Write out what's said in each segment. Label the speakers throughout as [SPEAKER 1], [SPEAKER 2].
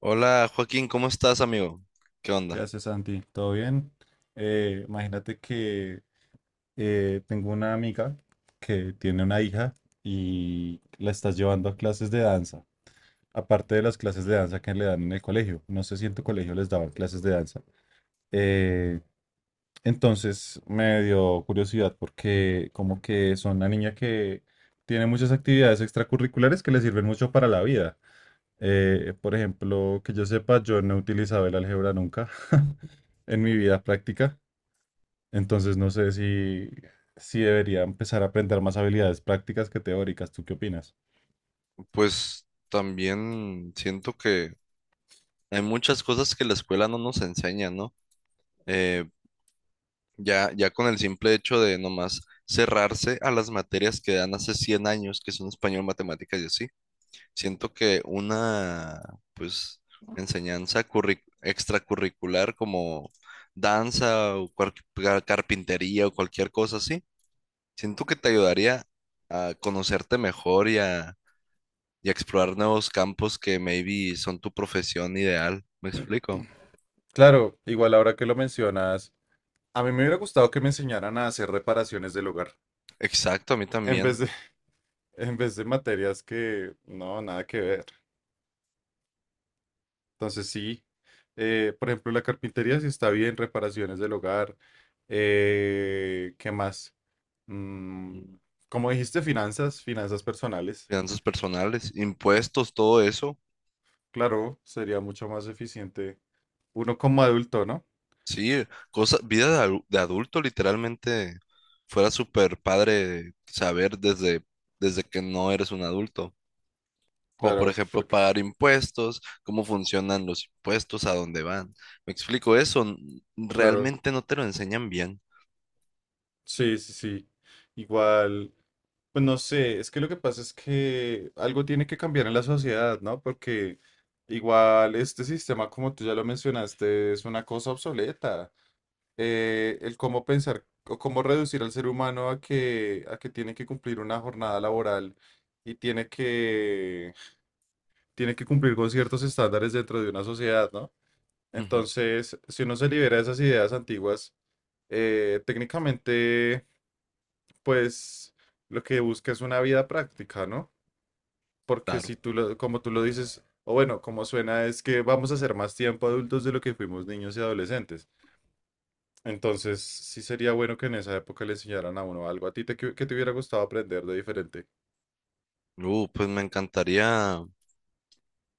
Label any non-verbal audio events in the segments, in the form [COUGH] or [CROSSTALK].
[SPEAKER 1] Hola, Joaquín, ¿cómo estás, amigo? ¿Qué
[SPEAKER 2] ¿Qué
[SPEAKER 1] onda?
[SPEAKER 2] haces, Santi? ¿Todo bien? Imagínate que tengo una amiga que tiene una hija y la estás llevando a clases de danza, aparte de las clases de danza que le dan en el colegio. No sé si en tu colegio les daban clases de danza. Eh, entonces me dio curiosidad porque como que son una niña que tiene muchas actividades extracurriculares que le sirven mucho para la vida. Por ejemplo, que yo sepa, yo no he utilizado el álgebra nunca [LAUGHS] en mi vida práctica. Entonces no sé si debería empezar a aprender más habilidades prácticas que teóricas. ¿Tú qué opinas?
[SPEAKER 1] Pues también siento que hay muchas cosas que la escuela no nos enseña, ¿no? Eh, ya con el simple hecho de nomás cerrarse a las materias que dan hace 100 años, que son español, matemáticas y así, siento que una, pues, extracurricular como danza o carpintería o cualquier cosa así, siento que te ayudaría a conocerte mejor y explorar nuevos campos que maybe son tu profesión ideal. ¿Me explico?
[SPEAKER 2] Claro, igual ahora que lo mencionas, a mí me hubiera gustado que me enseñaran a hacer reparaciones del hogar,
[SPEAKER 1] Exacto, a mí
[SPEAKER 2] en vez
[SPEAKER 1] también.
[SPEAKER 2] de, [LAUGHS] en vez de materias que no, nada que ver. Entonces sí, por ejemplo, la carpintería sí está bien, reparaciones del hogar. ¿Qué más? Mm,
[SPEAKER 1] Mm.
[SPEAKER 2] como dijiste, finanzas, finanzas personales.
[SPEAKER 1] Finanzas personales, impuestos, todo eso.
[SPEAKER 2] Claro, sería mucho más eficiente uno como adulto, ¿no?
[SPEAKER 1] Sí, cosa, vida de adulto literalmente fuera súper padre saber desde, desde que no eres un adulto. O por
[SPEAKER 2] Claro,
[SPEAKER 1] ejemplo
[SPEAKER 2] porque,
[SPEAKER 1] pagar impuestos, cómo funcionan los impuestos, a dónde van. Me explico eso.
[SPEAKER 2] claro,
[SPEAKER 1] Realmente no te lo enseñan bien.
[SPEAKER 2] sí, sí, sí. Igual, pues no sé, es que lo que pasa es que algo tiene que cambiar en la sociedad, ¿no? Porque igual este sistema, como tú ya lo mencionaste, es una cosa obsoleta. El cómo pensar o cómo reducir al ser humano a que tiene que cumplir una jornada laboral y tiene que cumplir con ciertos estándares dentro de una sociedad, ¿no?
[SPEAKER 1] Ujú,
[SPEAKER 2] Entonces, si uno se libera de esas ideas antiguas, técnicamente pues lo que busca es una vida práctica, ¿no? Porque
[SPEAKER 1] claro.
[SPEAKER 2] si tú lo, como tú lo dices, o bueno, como suena es que vamos a ser más tiempo adultos de lo que fuimos niños y adolescentes. Entonces, sí sería bueno que en esa época le enseñaran a uno algo a ti te, que, te hubiera gustado aprender de diferente.
[SPEAKER 1] Pues me encantaría.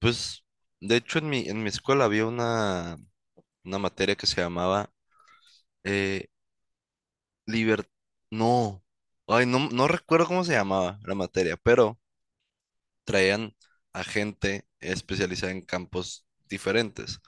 [SPEAKER 1] Pues, de hecho, en mi escuela había una materia que se llamaba eh, liber- No, ay, no, no recuerdo cómo se llamaba la materia, pero traían a gente especializada en campos diferentes.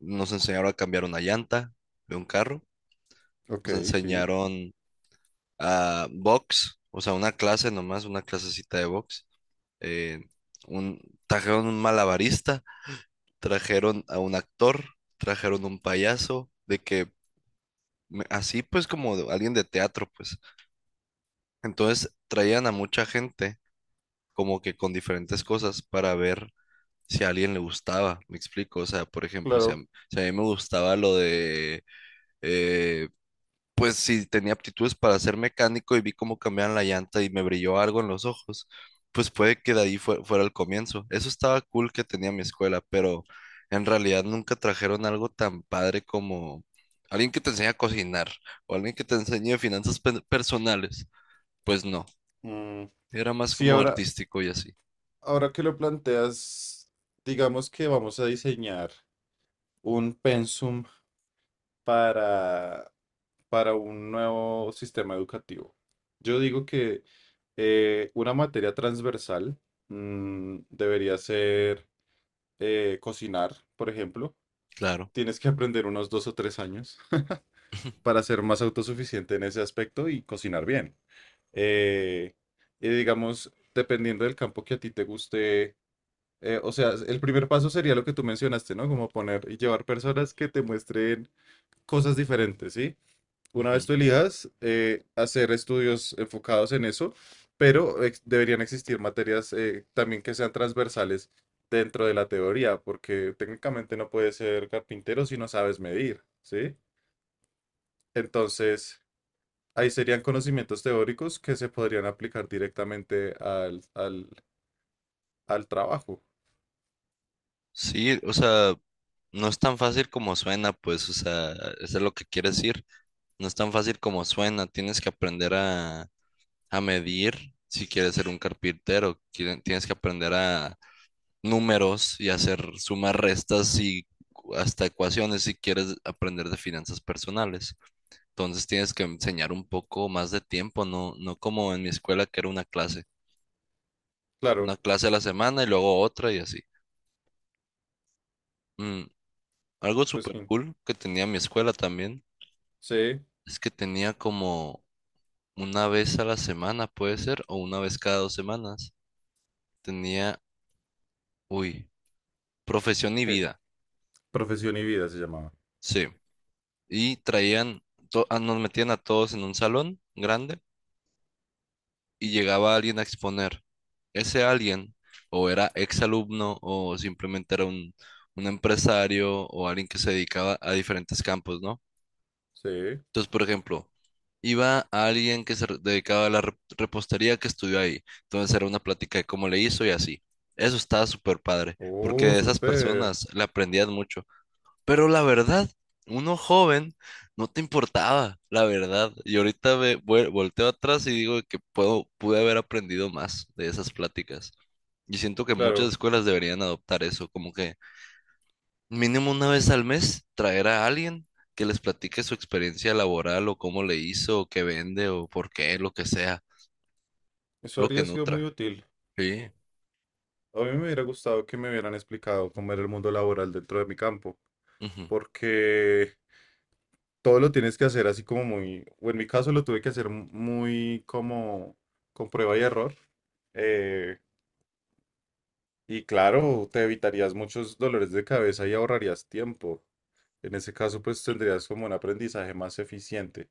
[SPEAKER 1] Nos enseñaron a cambiar una llanta de un carro,
[SPEAKER 2] Ok,
[SPEAKER 1] nos
[SPEAKER 2] sí,
[SPEAKER 1] enseñaron a box, o sea, una clase nomás, una clasecita de box. eh, un, Trajeron un malabarista, trajeron a un actor, trajeron un payaso, de que así pues como alguien de teatro, pues. Entonces traían a mucha gente como que con diferentes cosas para ver si a alguien le gustaba, me explico. O sea, por ejemplo,
[SPEAKER 2] claro.
[SPEAKER 1] si a mí me gustaba lo de eh, pues si tenía aptitudes para ser mecánico y vi cómo cambiaban la llanta y me brilló algo en los ojos, pues puede que de ahí fuera el comienzo. Eso estaba cool que tenía mi escuela, pero en realidad nunca trajeron algo tan padre como alguien que te enseñe a cocinar o alguien que te enseñe finanzas personales. Pues no,
[SPEAKER 2] Mm,
[SPEAKER 1] era más
[SPEAKER 2] sí,
[SPEAKER 1] como
[SPEAKER 2] ahora,
[SPEAKER 1] artístico y así,
[SPEAKER 2] ahora que lo planteas, digamos que vamos a diseñar un pensum para para un nuevo sistema educativo. Yo digo que una materia transversal mm, debería ser cocinar, por ejemplo.
[SPEAKER 1] claro.
[SPEAKER 2] Tienes que aprender unos dos o tres años [LAUGHS] para
[SPEAKER 1] [LAUGHS]
[SPEAKER 2] ser más autosuficiente en ese aspecto y cocinar bien. Eh, y digamos, dependiendo del campo que a ti te guste, o sea, el primer paso sería lo que tú mencionaste, ¿no? Como poner y llevar personas que te muestren cosas diferentes, ¿sí? Una vez
[SPEAKER 1] Ujú.
[SPEAKER 2] tú elijas hacer estudios enfocados en eso, pero deberían existir materias también que sean transversales dentro de la teoría, porque técnicamente no puedes ser carpintero si no sabes medir, ¿sí? Entonces, ahí serían conocimientos teóricos que se podrían aplicar directamente al trabajo.
[SPEAKER 1] Sí, o sea, no es tan fácil como suena, pues, o sea, eso es lo que quieres decir. No es tan fácil como suena, tienes que aprender a medir si quieres ser un carpintero. Tienes que aprender a números y hacer sumas, restas y hasta ecuaciones si quieres aprender de finanzas personales. Entonces tienes que enseñar un poco más de tiempo, no como en mi escuela que era
[SPEAKER 2] Claro,
[SPEAKER 1] una clase a la semana y luego otra y así. Mm. Algo
[SPEAKER 2] pues
[SPEAKER 1] súper
[SPEAKER 2] sí,
[SPEAKER 1] cool que tenía mi escuela también
[SPEAKER 2] sí,
[SPEAKER 1] es que tenía como una vez a la semana, puede ser, o una vez cada 2 semanas. Tenía, uy, profesión y
[SPEAKER 2] ¿qué?
[SPEAKER 1] vida.
[SPEAKER 2] Profesión y vida se llamaba.
[SPEAKER 1] Sí. Y traían, ah, nos metían a todos en un salón grande y llegaba alguien a exponer. Ese alguien o era exalumno o simplemente era un empresario o alguien que se dedicaba a diferentes campos, ¿no?
[SPEAKER 2] Sí.
[SPEAKER 1] Entonces, por ejemplo, iba alguien que se dedicaba a la repostería que estudió ahí. Entonces era una plática de cómo le hizo y así. Eso estaba súper padre, porque
[SPEAKER 2] Oh,
[SPEAKER 1] de esas
[SPEAKER 2] súper.
[SPEAKER 1] personas le aprendías mucho. Pero la verdad, uno joven no te importaba, la verdad. Y ahorita me volteo atrás y digo que pude haber aprendido más de esas pláticas. Y siento que muchas
[SPEAKER 2] Claro,
[SPEAKER 1] escuelas deberían adoptar eso, como que mínimo una vez al mes traer a alguien que les platique su experiencia laboral o cómo le hizo, o qué vende, o por qué, lo que sea,
[SPEAKER 2] eso
[SPEAKER 1] algo que
[SPEAKER 2] habría sido muy
[SPEAKER 1] nutra.
[SPEAKER 2] útil.
[SPEAKER 1] Sí.
[SPEAKER 2] A mí me hubiera gustado que me hubieran explicado cómo era el mundo laboral dentro de mi campo,
[SPEAKER 1] Ujú.
[SPEAKER 2] porque todo lo tienes que hacer así como muy, o en mi caso lo tuve que hacer muy como con prueba y error. eh, y claro, te evitarías muchos dolores de cabeza y ahorrarías tiempo. En ese caso, pues tendrías como un aprendizaje más eficiente.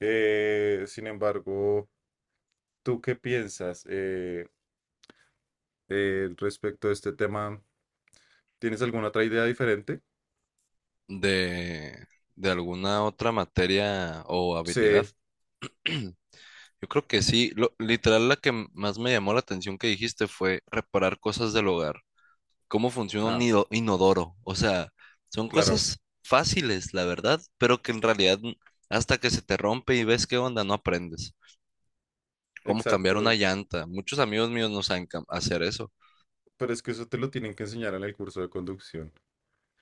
[SPEAKER 2] Sin embargo, ¿tú qué piensas respecto a este tema? ¿Tienes alguna otra idea diferente?
[SPEAKER 1] De, de alguna otra materia o habilidad.
[SPEAKER 2] Sí.
[SPEAKER 1] [CLEARS THROAT] Yo creo que sí, literal la que más me llamó la atención que dijiste fue reparar cosas del hogar, cómo funciona un
[SPEAKER 2] Ah.
[SPEAKER 1] inodoro, o sea, son
[SPEAKER 2] Claro,
[SPEAKER 1] cosas fáciles, la verdad, pero que en realidad hasta que se te rompe y ves qué onda, no aprendes. Cómo cambiar
[SPEAKER 2] exacto.
[SPEAKER 1] una llanta, muchos amigos míos no saben hacer eso.
[SPEAKER 2] Pero es que eso te lo tienen que enseñar en el curso de conducción.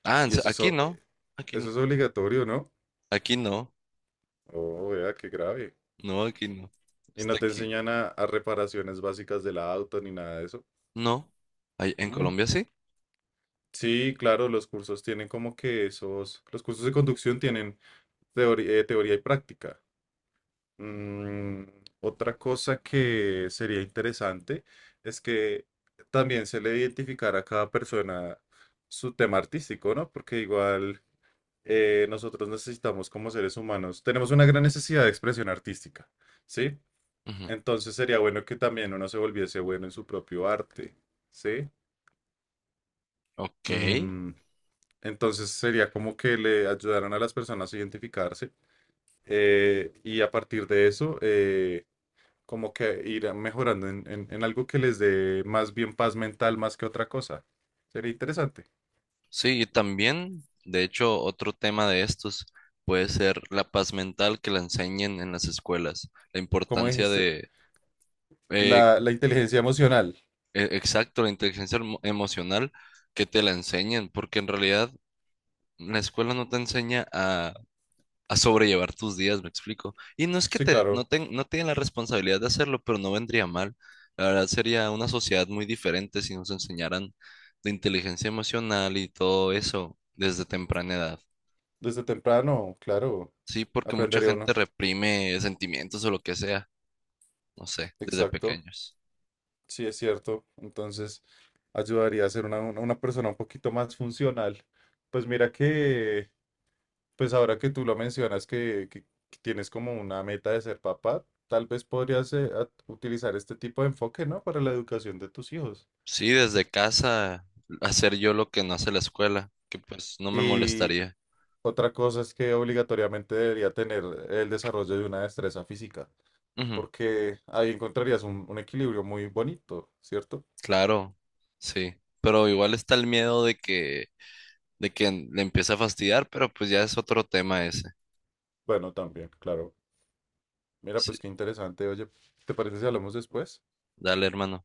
[SPEAKER 1] Ah,
[SPEAKER 2] Y eso es,
[SPEAKER 1] aquí
[SPEAKER 2] o-
[SPEAKER 1] no,
[SPEAKER 2] eh,
[SPEAKER 1] aquí
[SPEAKER 2] Eso
[SPEAKER 1] no,
[SPEAKER 2] es obligatorio, ¿no?
[SPEAKER 1] aquí no,
[SPEAKER 2] Oh, vea, qué grave.
[SPEAKER 1] no, aquí no,
[SPEAKER 2] Y no
[SPEAKER 1] está
[SPEAKER 2] te
[SPEAKER 1] aquí,
[SPEAKER 2] enseñan a reparaciones básicas del auto ni nada de eso.
[SPEAKER 1] no. En
[SPEAKER 2] Mm,
[SPEAKER 1] Colombia sí.
[SPEAKER 2] sí, claro, los cursos tienen como que esos, los cursos de conducción tienen teoría y práctica. Mm, otra cosa que sería interesante es que también se le identificara a cada persona su tema artístico, ¿no? Porque igual... nosotros necesitamos como seres humanos, tenemos una gran necesidad de expresión artística, ¿sí?
[SPEAKER 1] Ujú.
[SPEAKER 2] Entonces sería bueno que también uno se volviese bueno en su propio arte, ¿sí?
[SPEAKER 1] Ok.
[SPEAKER 2] Mm, entonces sería como que le ayudaran a las personas a identificarse y a partir de eso, como que ir mejorando en algo que les dé más bien paz mental más que otra cosa. Sería interesante.
[SPEAKER 1] Sí, y también, de hecho, otro tema de estos puede ser la paz mental, que la enseñen en las escuelas, la
[SPEAKER 2] Como
[SPEAKER 1] importancia
[SPEAKER 2] dijiste,
[SPEAKER 1] de, eh,
[SPEAKER 2] la inteligencia emocional.
[SPEAKER 1] exacto, la inteligencia emocional, que te la enseñen, porque en realidad la escuela no te enseña a sobrellevar tus días, me explico. Y no es que
[SPEAKER 2] Sí,
[SPEAKER 1] te, no,
[SPEAKER 2] claro.
[SPEAKER 1] ten- no tienen la responsabilidad de hacerlo, pero no vendría mal. La verdad sería una sociedad muy diferente si nos enseñaran de inteligencia emocional y todo eso desde temprana edad.
[SPEAKER 2] Desde temprano, claro,
[SPEAKER 1] Sí, porque mucha
[SPEAKER 2] aprendería
[SPEAKER 1] gente
[SPEAKER 2] uno.
[SPEAKER 1] reprime sentimientos o lo que sea, no sé, desde
[SPEAKER 2] Exacto,
[SPEAKER 1] pequeños.
[SPEAKER 2] sí es cierto. Entonces, ayudaría a ser una persona un poquito más funcional. Pues mira que, pues ahora que tú lo mencionas, que tienes como una meta de ser papá, tal vez podrías utilizar este tipo de enfoque, ¿no? Para la educación de tus hijos.
[SPEAKER 1] Sí, desde casa, hacer yo lo que no hace la escuela, que pues no me
[SPEAKER 2] Y
[SPEAKER 1] molestaría.
[SPEAKER 2] otra cosa es que obligatoriamente debería tener el desarrollo de una destreza física,
[SPEAKER 1] Ujú,
[SPEAKER 2] porque ahí encontrarías un equilibrio muy bonito, ¿cierto?
[SPEAKER 1] claro, sí. Pero igual está el miedo de que le empiece a fastidiar, pero pues ya es otro tema ese.
[SPEAKER 2] Bueno, también, claro. Mira,
[SPEAKER 1] Sí,
[SPEAKER 2] pues qué interesante. Oye, ¿te parece si hablamos después?
[SPEAKER 1] dale, hermano.